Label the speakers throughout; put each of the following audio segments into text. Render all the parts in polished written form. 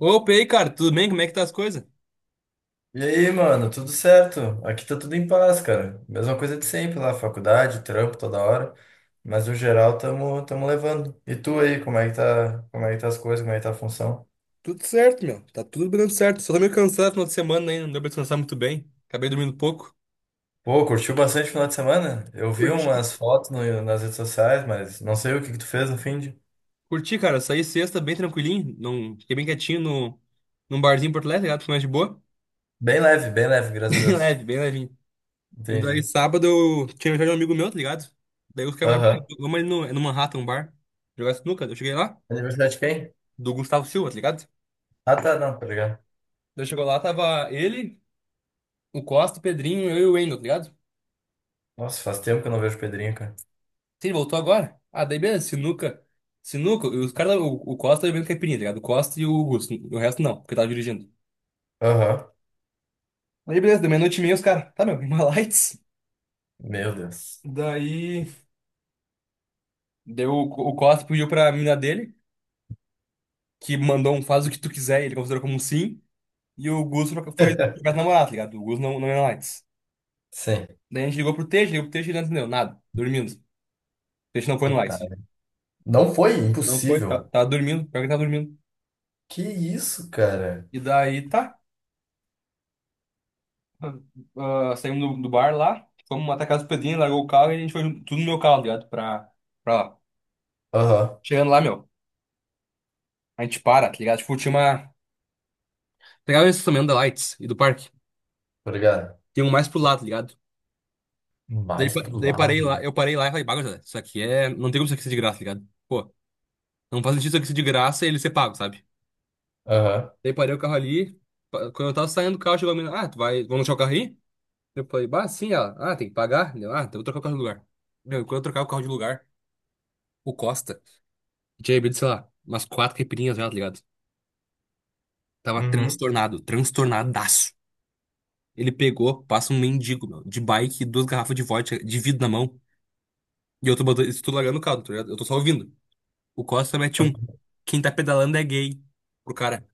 Speaker 1: Opa, e aí, cara, tudo bem? Como é que tá as coisas?
Speaker 2: E aí, mano, tudo certo? Aqui tá tudo em paz, cara. Mesma coisa de sempre lá, faculdade, trampo toda hora. Mas no geral, tamo levando. E tu aí, como é que tá as coisas, como é que tá a função?
Speaker 1: Tudo certo, meu. Tá tudo dando certo. Só tô meio cansado no final de semana, né? Não deu pra descansar muito bem. Acabei dormindo pouco.
Speaker 2: Pô, curtiu bastante o final de semana? Eu vi
Speaker 1: Curti.
Speaker 2: umas fotos nas redes sociais, mas não sei o que que tu fez no fim de.
Speaker 1: Curti, cara. Saí sexta bem tranquilinho. Não. Fiquei bem quietinho no... num barzinho em Porto Alegre, tá ligado? Fiquei mais de boa.
Speaker 2: Bem leve, graças a
Speaker 1: Bem
Speaker 2: Deus.
Speaker 1: leve, bem levinho. E daí
Speaker 2: Entendi.
Speaker 1: sábado eu tinha aniversário de um amigo meu, tá ligado? Daí os caras, Ah,
Speaker 2: Aham.
Speaker 1: vamos ali no Manhattan, um bar, jogar sinuca. Eu cheguei lá,
Speaker 2: Aniversário de quem?
Speaker 1: do Gustavo Silva, tá ligado?
Speaker 2: Ah, tá, não, tá ligado.
Speaker 1: Daí chegou lá, tava ele, o Costa, o Pedrinho, eu e o Wendel, tá ligado?
Speaker 2: Nossa, faz tempo que eu não vejo o Pedrinho, cara.
Speaker 1: Sim, ele voltou agora. Ah, daí beleza, sinuca. Sinuca, os caras, o Costa tá bebendo caipirinha, tá ligado? O Costa e o Augusto. O resto não, porque tava dirigindo.
Speaker 2: Aham.
Speaker 1: Aí beleza, deu meia-noite e meia, os caras. Tá, meu, uma lights.
Speaker 2: Meu Deus.
Speaker 1: Daí. Deu, o Costa pediu pra mina dele, que mandou um faz o que tu quiser, e ele considerou como um sim. E o Augusto foi jogar com a namorada, tá ligado? O Augusto não, não ia na lights.
Speaker 2: Sim.
Speaker 1: Daí a gente ligou pro Teixe e ele não entendeu nada, dormindo. O Teixe não foi no lights.
Speaker 2: Puta. Não foi
Speaker 1: Não foi,
Speaker 2: impossível.
Speaker 1: tava dormindo, pior que ele tava dormindo.
Speaker 2: Que isso, cara?
Speaker 1: E daí tá. Ah, saímos do bar lá, fomos até a casa do Pedrinho, largou o carro e a gente foi tudo no meu carro, tá ligado? Pra lá.
Speaker 2: Aham,
Speaker 1: Chegando lá, meu, a gente para, tá ligado? Tipo, tinha uma. Pegava esse também da Lights e do parque.
Speaker 2: obrigado.
Speaker 1: Tem um mais pro lado, tá ligado? Daí,
Speaker 2: Mais
Speaker 1: pa-
Speaker 2: pro
Speaker 1: daí parei lá,
Speaker 2: lado.
Speaker 1: eu parei lá e falei, Bah, gurizada, isso aqui é. Não tem como isso aqui ser de graça, tá ligado? Pô, não faz sentido isso aqui ser de graça e ele ser pago, sabe?
Speaker 2: Aham.
Speaker 1: Daí parei o carro ali. Quando eu tava saindo do carro, chegou a menina, ah, tu vai. Vamos deixar o carro aí? Eu falei, bah, sim, ela, ah, tem que pagar. Eu, ah, então eu vou trocar o carro de lugar. Meu, quando eu trocar o carro de lugar, o Costa. E tinha bebido, sei lá, umas quatro caipirinhas já, tá ligado? Tava
Speaker 2: Uhum.
Speaker 1: transtornado, transtornadaço. Ele pegou, passa um mendigo, meu, de bike, duas garrafas de vodka, de vidro na mão. E eu tô botando, isso tudo largando o caldo, tá ligado? Eu tô só ouvindo. O Costa mete um. Quem tá pedalando é gay. Pro cara.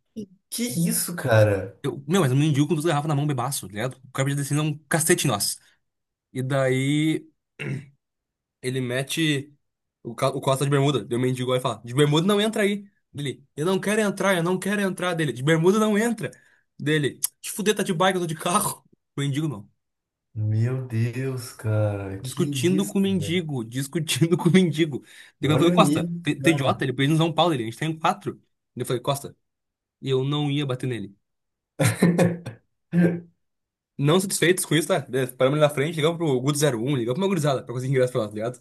Speaker 2: Que isso, cara?
Speaker 1: Eu, meu, mas um mendigo com duas garrafas na mão, bebaço, tá ligado? O cara podia descer um cacete em nós. E daí. Ele mete o Costa de bermuda. Deu um mendigo e fala: De bermuda não entra aí. Dele: Eu não quero entrar, eu não quero entrar. Dele: De bermuda não entra. Dele: Te fuder, tá de bike, eu tô de carro. O mendigo não.
Speaker 2: Meu Deus, cara. Que
Speaker 1: Discutindo
Speaker 2: isso,
Speaker 1: com o
Speaker 2: velho?
Speaker 1: mendigo, discutindo com o mendigo. Daí eu falei:
Speaker 2: Olha o
Speaker 1: Costa,
Speaker 2: nível,
Speaker 1: tu é idiota?
Speaker 2: cara.
Speaker 1: Ele pediu em São Paulo, ele. A gente tem quatro. Daí eu falei: Costa, e eu não ia bater nele. Não satisfeitos com isso, tá? Daí paramos ali na frente, ligamos pro Guto zero um ligamos pra uma gurizada pra conseguir ingresso pra lá, tá ligado?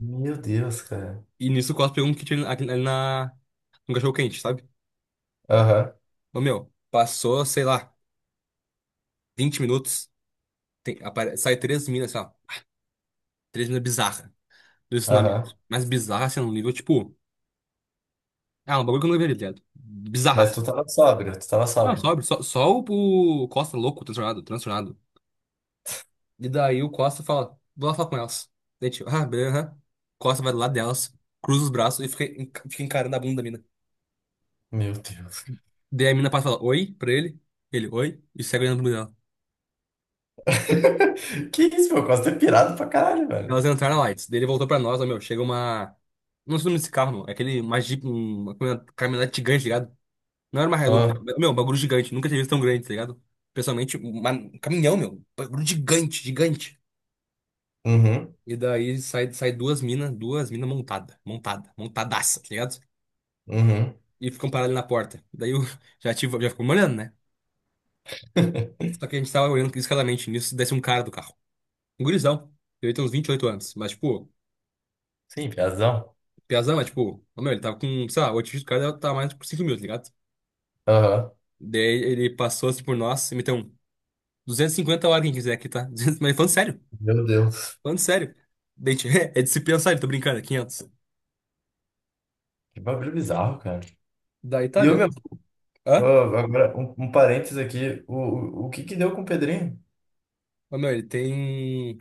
Speaker 2: Meu Deus, cara.
Speaker 1: E nisso o Costa pegou um kit ali um cachorro quente, sabe?
Speaker 2: Aham,
Speaker 1: Ô, meu, passou, sei lá, 20 minutos, tem, sai três minas, sei lá, três minas bizarras do ensinamento.
Speaker 2: aham.
Speaker 1: Mas bizarra, assim, num nível, tipo. Ah, um bagulho que eu não veria, tá ligado? Bizarra,
Speaker 2: Mas
Speaker 1: assim.
Speaker 2: tu tava sóbrio, tu tava
Speaker 1: Não,
Speaker 2: sóbrio.
Speaker 1: sobe, só o Costa louco, transtornado, transtornado. E daí o Costa fala, vou lá falar com elas. Daí, tipo, ah, beleza. Aham. Costa vai do lado delas, cruza os braços e fica encarando a bunda da mina.
Speaker 2: Meu Deus.
Speaker 1: Daí a mina passa e fala, oi, pra ele. Ele, oi, e segue olhando pro.
Speaker 2: Que isso, meu? Quase ter pirado pra caralho, velho.
Speaker 1: Elas entraram lá, e ele voltou pra nós, ó, meu, chega uma. Não sei o nome desse carro, meu. É aquele mais jeep, uma caminhonete gigante, tá ligado? Não era uma Hilux,
Speaker 2: Ah,
Speaker 1: né? Meu, um bagulho gigante. Nunca tinha visto tão grande, tá ligado? Pessoalmente, um caminhão, meu. Um bagulho gigante, gigante.
Speaker 2: uhum,
Speaker 1: E daí sai duas minas montadas, montada, montada, montadaça, tá ligado?
Speaker 2: uhum.
Speaker 1: E ficam paradas ali na porta. Daí eu já, tive, já ficou me olhando, né? Só que a gente tava olhando criticamente nisso, desce um cara do carro. Um gurizão. Ele tem uns 28 anos, mas tipo,
Speaker 2: Sim, piazão.
Speaker 1: piazão, mas tipo, ó, meu, ele tava com, sei lá, o atingir do cara tava mais por 5 mil, tá ligado?
Speaker 2: Aham.
Speaker 1: Daí ele passou assim por nós e meteu um 250 horas quem quiser aqui, tá? 200, mas falando sério,
Speaker 2: Meu Deus.
Speaker 1: falando sério. Daí, a gente, é disciplina, sabe? Tô brincando, é 500.
Speaker 2: Que bagulho bizarro, cara.
Speaker 1: Daí tá,
Speaker 2: E eu, meu.
Speaker 1: beleza.
Speaker 2: Ô,
Speaker 1: Hã?
Speaker 2: agora, um parênteses aqui. O que que deu com o Pedrinho?
Speaker 1: Ô, meu, ele tem.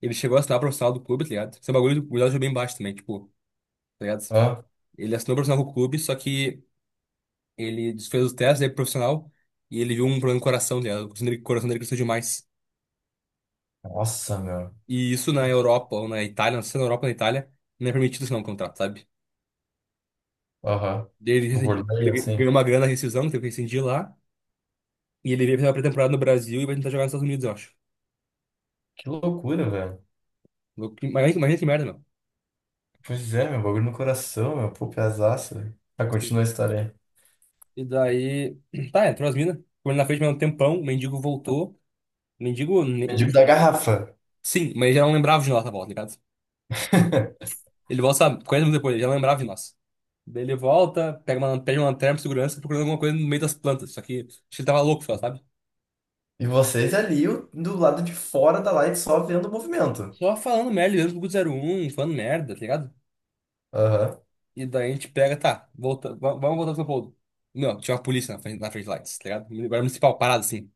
Speaker 1: Ele chegou a assinar o profissional do clube, tá ligado? Esse é um bagulho do Gurial bem baixo também, tipo, tá ligado?
Speaker 2: Ah,
Speaker 1: Ele assinou o profissional com o clube, só que ele fez os testes aí pro profissional e ele viu um problema no coração, tá ligado? O coração dele cresceu demais.
Speaker 2: nossa, meu.
Speaker 1: E isso na Europa ou na Itália, não sei se é na Europa ou na Itália, não é permitido assinar um contrato, sabe?
Speaker 2: Aham.
Speaker 1: Daí Ele,
Speaker 2: Tipo,
Speaker 1: rescindi-
Speaker 2: volei
Speaker 1: ele ganhou
Speaker 2: assim.
Speaker 1: uma grana na rescisão, teve que rescindir lá. E ele veio fazer uma pré-temporada no Brasil e vai tentar jogar nos Estados Unidos, eu acho.
Speaker 2: Que loucura, velho.
Speaker 1: Louco, imagina que merda, meu.
Speaker 2: Pois é, meu. Bagulho no coração, meu. Pô, pesaço, velho. Mas continua a história aí.
Speaker 1: E daí, tá, entrou as minas. Ficou ali na frente mais um tempão, o mendigo voltou. O mendigo,
Speaker 2: Mendigo da garrafa.
Speaker 1: sim, mas ele já não lembrava de nós na volta, ligado? Ele volta, sabe, 40 minutos depois, ele já não lembrava de nós. Daí ele volta, pega uma, pede uma lanterna pro segurança, procurando alguma coisa no meio das plantas. Só que acho que ele tava louco só, sabe?
Speaker 2: E vocês ali do lado de fora da light só vendo o movimento.
Speaker 1: Só falando merda, ligando pro Guto zero um, falando merda, tá ligado?
Speaker 2: Aham.
Speaker 1: E daí a gente pega, tá, volta, vamos voltar pro São Paulo. Não, tinha uma polícia na frente lá, tá ligado? Guarda municipal, parado assim.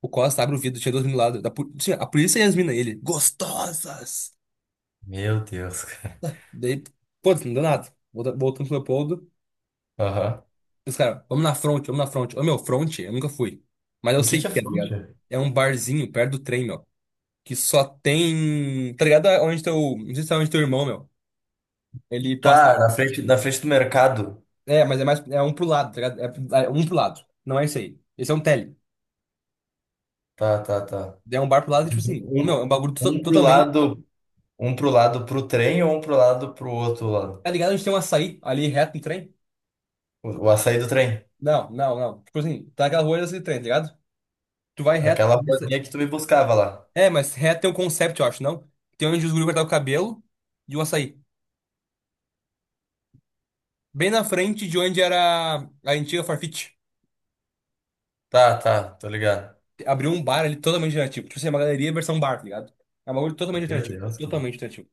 Speaker 1: O Costa abre o vidro, tinha duas meninas lá. Tinha a polícia e as minas, ele. Gostosas!
Speaker 2: Meu Deus, cara.
Speaker 1: Daí, pô, não deu nada. Voltando pro Leopoldo.
Speaker 2: Aham.
Speaker 1: Os caras, vamos na front, vamos na front. Ô, meu, front, eu nunca fui. Mas eu
Speaker 2: O que
Speaker 1: sei
Speaker 2: que
Speaker 1: que
Speaker 2: é
Speaker 1: é, tá
Speaker 2: fronte?
Speaker 1: ligado? É um barzinho perto do trem, meu. Que só tem. Tá ligado? Onde teu. Não sei se é onde teu irmão, meu. Ele passa.
Speaker 2: Tá, na frente do mercado.
Speaker 1: É, mas é mais. É um pro lado, tá ligado? É um pro lado. Não é isso aí. Esse é um tele.
Speaker 2: Tá.
Speaker 1: É um bar pro lado, tipo assim. Ô, meu,
Speaker 2: Um,
Speaker 1: é um bagulho
Speaker 2: um pro
Speaker 1: totalmente.
Speaker 2: lado Um pro lado pro trem ou um pro lado pro outro lado?
Speaker 1: Tá ligado? A gente tem um açaí ali reto no trem.
Speaker 2: O açaí do trem.
Speaker 1: Não, não, não. Tipo assim, tá aquela rua desse trem, tá ligado? Tu vai reto.
Speaker 2: Aquela ruazinha que tu me buscava lá.
Speaker 1: É, mas reto tem um concept, eu acho, não? Tem onde os guri cortavam o cabelo e o açaí. Bem na frente de onde era a antiga Farfetch.
Speaker 2: Tá, tô ligado.
Speaker 1: Abriu um bar ali totalmente alternativo. Tipo assim, é uma galeria versão bar, tá ligado? É um bagulho totalmente
Speaker 2: Meu
Speaker 1: alternativo.
Speaker 2: Deus, cara.
Speaker 1: Totalmente alternativo.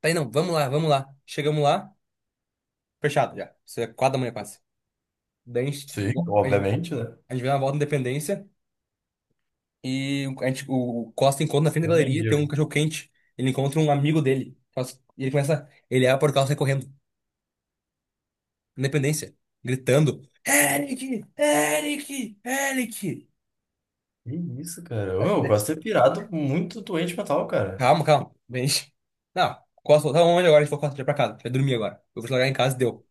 Speaker 1: Tá. Aí não, vamos lá, vamos lá. Chegamos lá, fechado já. Isso é 4 da manhã quase. Daí
Speaker 2: Sim,
Speaker 1: a gente
Speaker 2: obviamente, né?
Speaker 1: a gente vai dar uma volta na Independência. E a gente, o Costa encontra na frente da
Speaker 2: Ô,
Speaker 1: galeria, tem um
Speaker 2: mendigo.
Speaker 1: cachorro quente. Ele encontra um amigo dele. Nossa. E ele começa. Ele abre o portal e sai correndo. Independência. Gritando. Eric! Eric! Eric!
Speaker 2: Que isso, cara? Ô,
Speaker 1: Tá,
Speaker 2: meu, eu
Speaker 1: né?
Speaker 2: gosto de ter pirado muito doente mental, cara.
Speaker 1: Calma, calma. Bem. Não, Costa, tá onde agora? A gente foi Costa, já pra casa. Vai dormir agora. Eu vou te largar em casa e deu.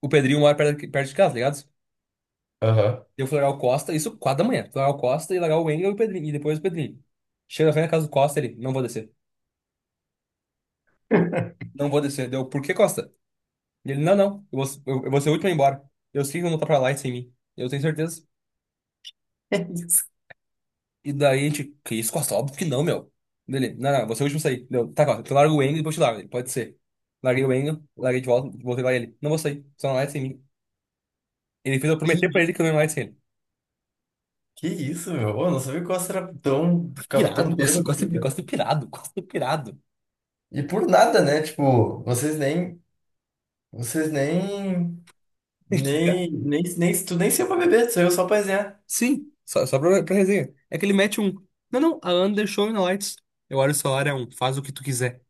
Speaker 1: O Pedrinho mora perto, perto de casa, tá ligado?
Speaker 2: Aham.
Speaker 1: Eu fui largar o Costa, isso 4 da manhã. Fui largar o Costa e largar o Engel e o Pedrinho. E depois o Pedrinho. Chega na frente da casa do Costa, ele. Não vou descer. Não vou descer. Deu. Por que, Costa? Ele, não, não, eu vou ser o último a ir embora. Eu sei que não tá pra lá sem mim. Eu tenho certeza.
Speaker 2: É isso.
Speaker 1: E daí a gente, que isso, Costa? Óbvio que não, meu. Dele, não, não, você é o último a sair. Deu, tá, Costa, tu larga o Engel e depois te largo. Ele, pode ser. Larguei o Engel, larguei de volta, voltei lá e ele. Não vou sair, só não vai sem mim. Ele fez eu prometer pra
Speaker 2: Ih,
Speaker 1: ele que eu não ia mais sem ele.
Speaker 2: que isso, meu? Ô, eu não sabia que o Oscar era tão. Ficava tão
Speaker 1: Pirado, Costa,
Speaker 2: bêbado
Speaker 1: Costa,
Speaker 2: assim,
Speaker 1: Costa
Speaker 2: cara.
Speaker 1: pirado, Costa pirado.
Speaker 2: E por nada, né? Tipo, vocês nem. Vocês nem.
Speaker 1: Que, cara,
Speaker 2: Nem. Tu nem saiu pra beber, tu saiu só pra resenhar.
Speaker 1: sim, só pra resenha. É que ele mete um. Não, não, a Ana deixou na lights. Eu olho o celular, é um, faz o que tu quiser.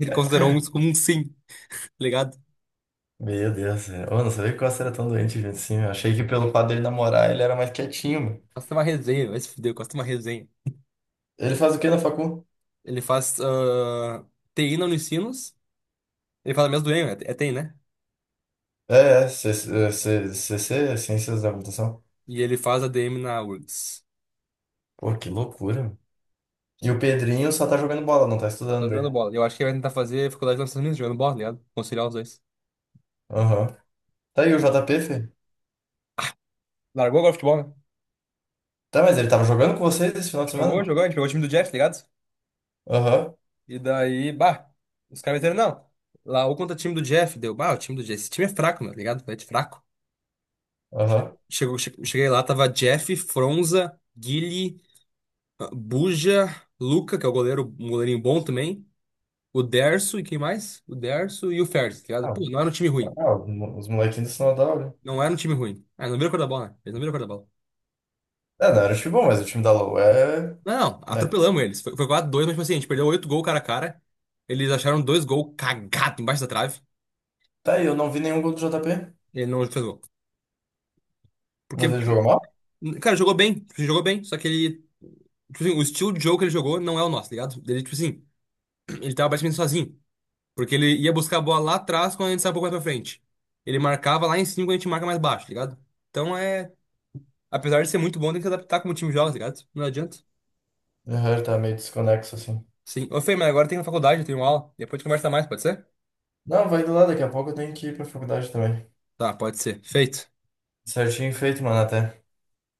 Speaker 1: Ele considerou isso como um sim, tá ligado?
Speaker 2: Meu Deus, eu não sabia que o Costa era tão doente, gente, assim. Eu achei que pelo fato dele namorar, ele era mais quietinho, meu.
Speaker 1: Costa é uma resenha, vai se fuder, Costa é uma resenha.
Speaker 2: Ele faz o que na facu?
Speaker 1: Ele faz TI na Unicinos, ele faz a mesma do EM, é TI, né?
Speaker 2: É, é, C- C- C- Ciências da Computação.
Speaker 1: E ele faz a ADM na URGS.
Speaker 2: Pô, que loucura, meu. E o
Speaker 1: Sim.
Speaker 2: Pedrinho só tá jogando bola, não tá
Speaker 1: Tô
Speaker 2: estudando
Speaker 1: jogando
Speaker 2: daí.
Speaker 1: bola. Eu acho que ele vai tentar fazer faculdade nos Estados Unidos, jogando bola, tá ligado? Conciliar os dois.
Speaker 2: Aham. Tá aí o JP, filho?
Speaker 1: Largou agora o futebol, né?
Speaker 2: Tá, mas ele tava jogando com vocês esse final de
Speaker 1: Jogou,
Speaker 2: semana?
Speaker 1: jogou, a gente pegou o time do Jeff, tá ligado?
Speaker 2: Aham,
Speaker 1: E daí, bah, os caras disseram, não. Lá, ou contra o time do Jeff, deu, bah, o time do Jeff, esse time é fraco, meu, tá ligado? É de fraco. Che-
Speaker 2: aham.
Speaker 1: cheguei lá, tava Jeff, Fronza, Guile, Buja, Luca, que é o goleiro, um goleirinho bom também. O Derso e quem mais? O Derso e o Ferdi, tá ligado?
Speaker 2: Ah,
Speaker 1: Pô, não era um time ruim.
Speaker 2: ah, os molequinhos do sinal da aula.
Speaker 1: Não era um time ruim. Ah, não viram a cor da bola, né? Eles não viram a cor da bola.
Speaker 2: É, não era o time bom, mas o time da LoL é...
Speaker 1: Não, não,
Speaker 2: Né?
Speaker 1: atropelamos eles. Foi 4-2, mas tipo assim, a gente perdeu 8 gols cara a cara. Eles acharam dois gols cagados embaixo da trave.
Speaker 2: Tá aí, eu não vi nenhum gol do JP,
Speaker 1: Ele não fez gol. Porque,
Speaker 2: mas ele jogou
Speaker 1: tipo,
Speaker 2: mal?
Speaker 1: cara, jogou bem. Tipo, ele jogou bem, só que ele. Tipo assim, o estilo de jogo que ele jogou não é o nosso, tá ligado? Ele, tipo assim, ele tava basicamente sozinho. Porque ele ia buscar a bola lá atrás quando a gente saiu um pouco mais pra frente. Ele marcava lá em cima quando a gente marca mais baixo, tá ligado? Então é. Apesar de ser muito bom, tem que se adaptar como o time joga, tá ligado? Não adianta.
Speaker 2: Aham, ele tá meio desconexo, assim.
Speaker 1: Sim. Ô, Fê, mas agora tem na faculdade, eu tenho aula. Depois a gente conversa mais, pode ser?
Speaker 2: Não, vai do lado, daqui a pouco eu tenho que ir pra faculdade também.
Speaker 1: Tá, pode ser. Feito.
Speaker 2: Certinho feito, mano, até.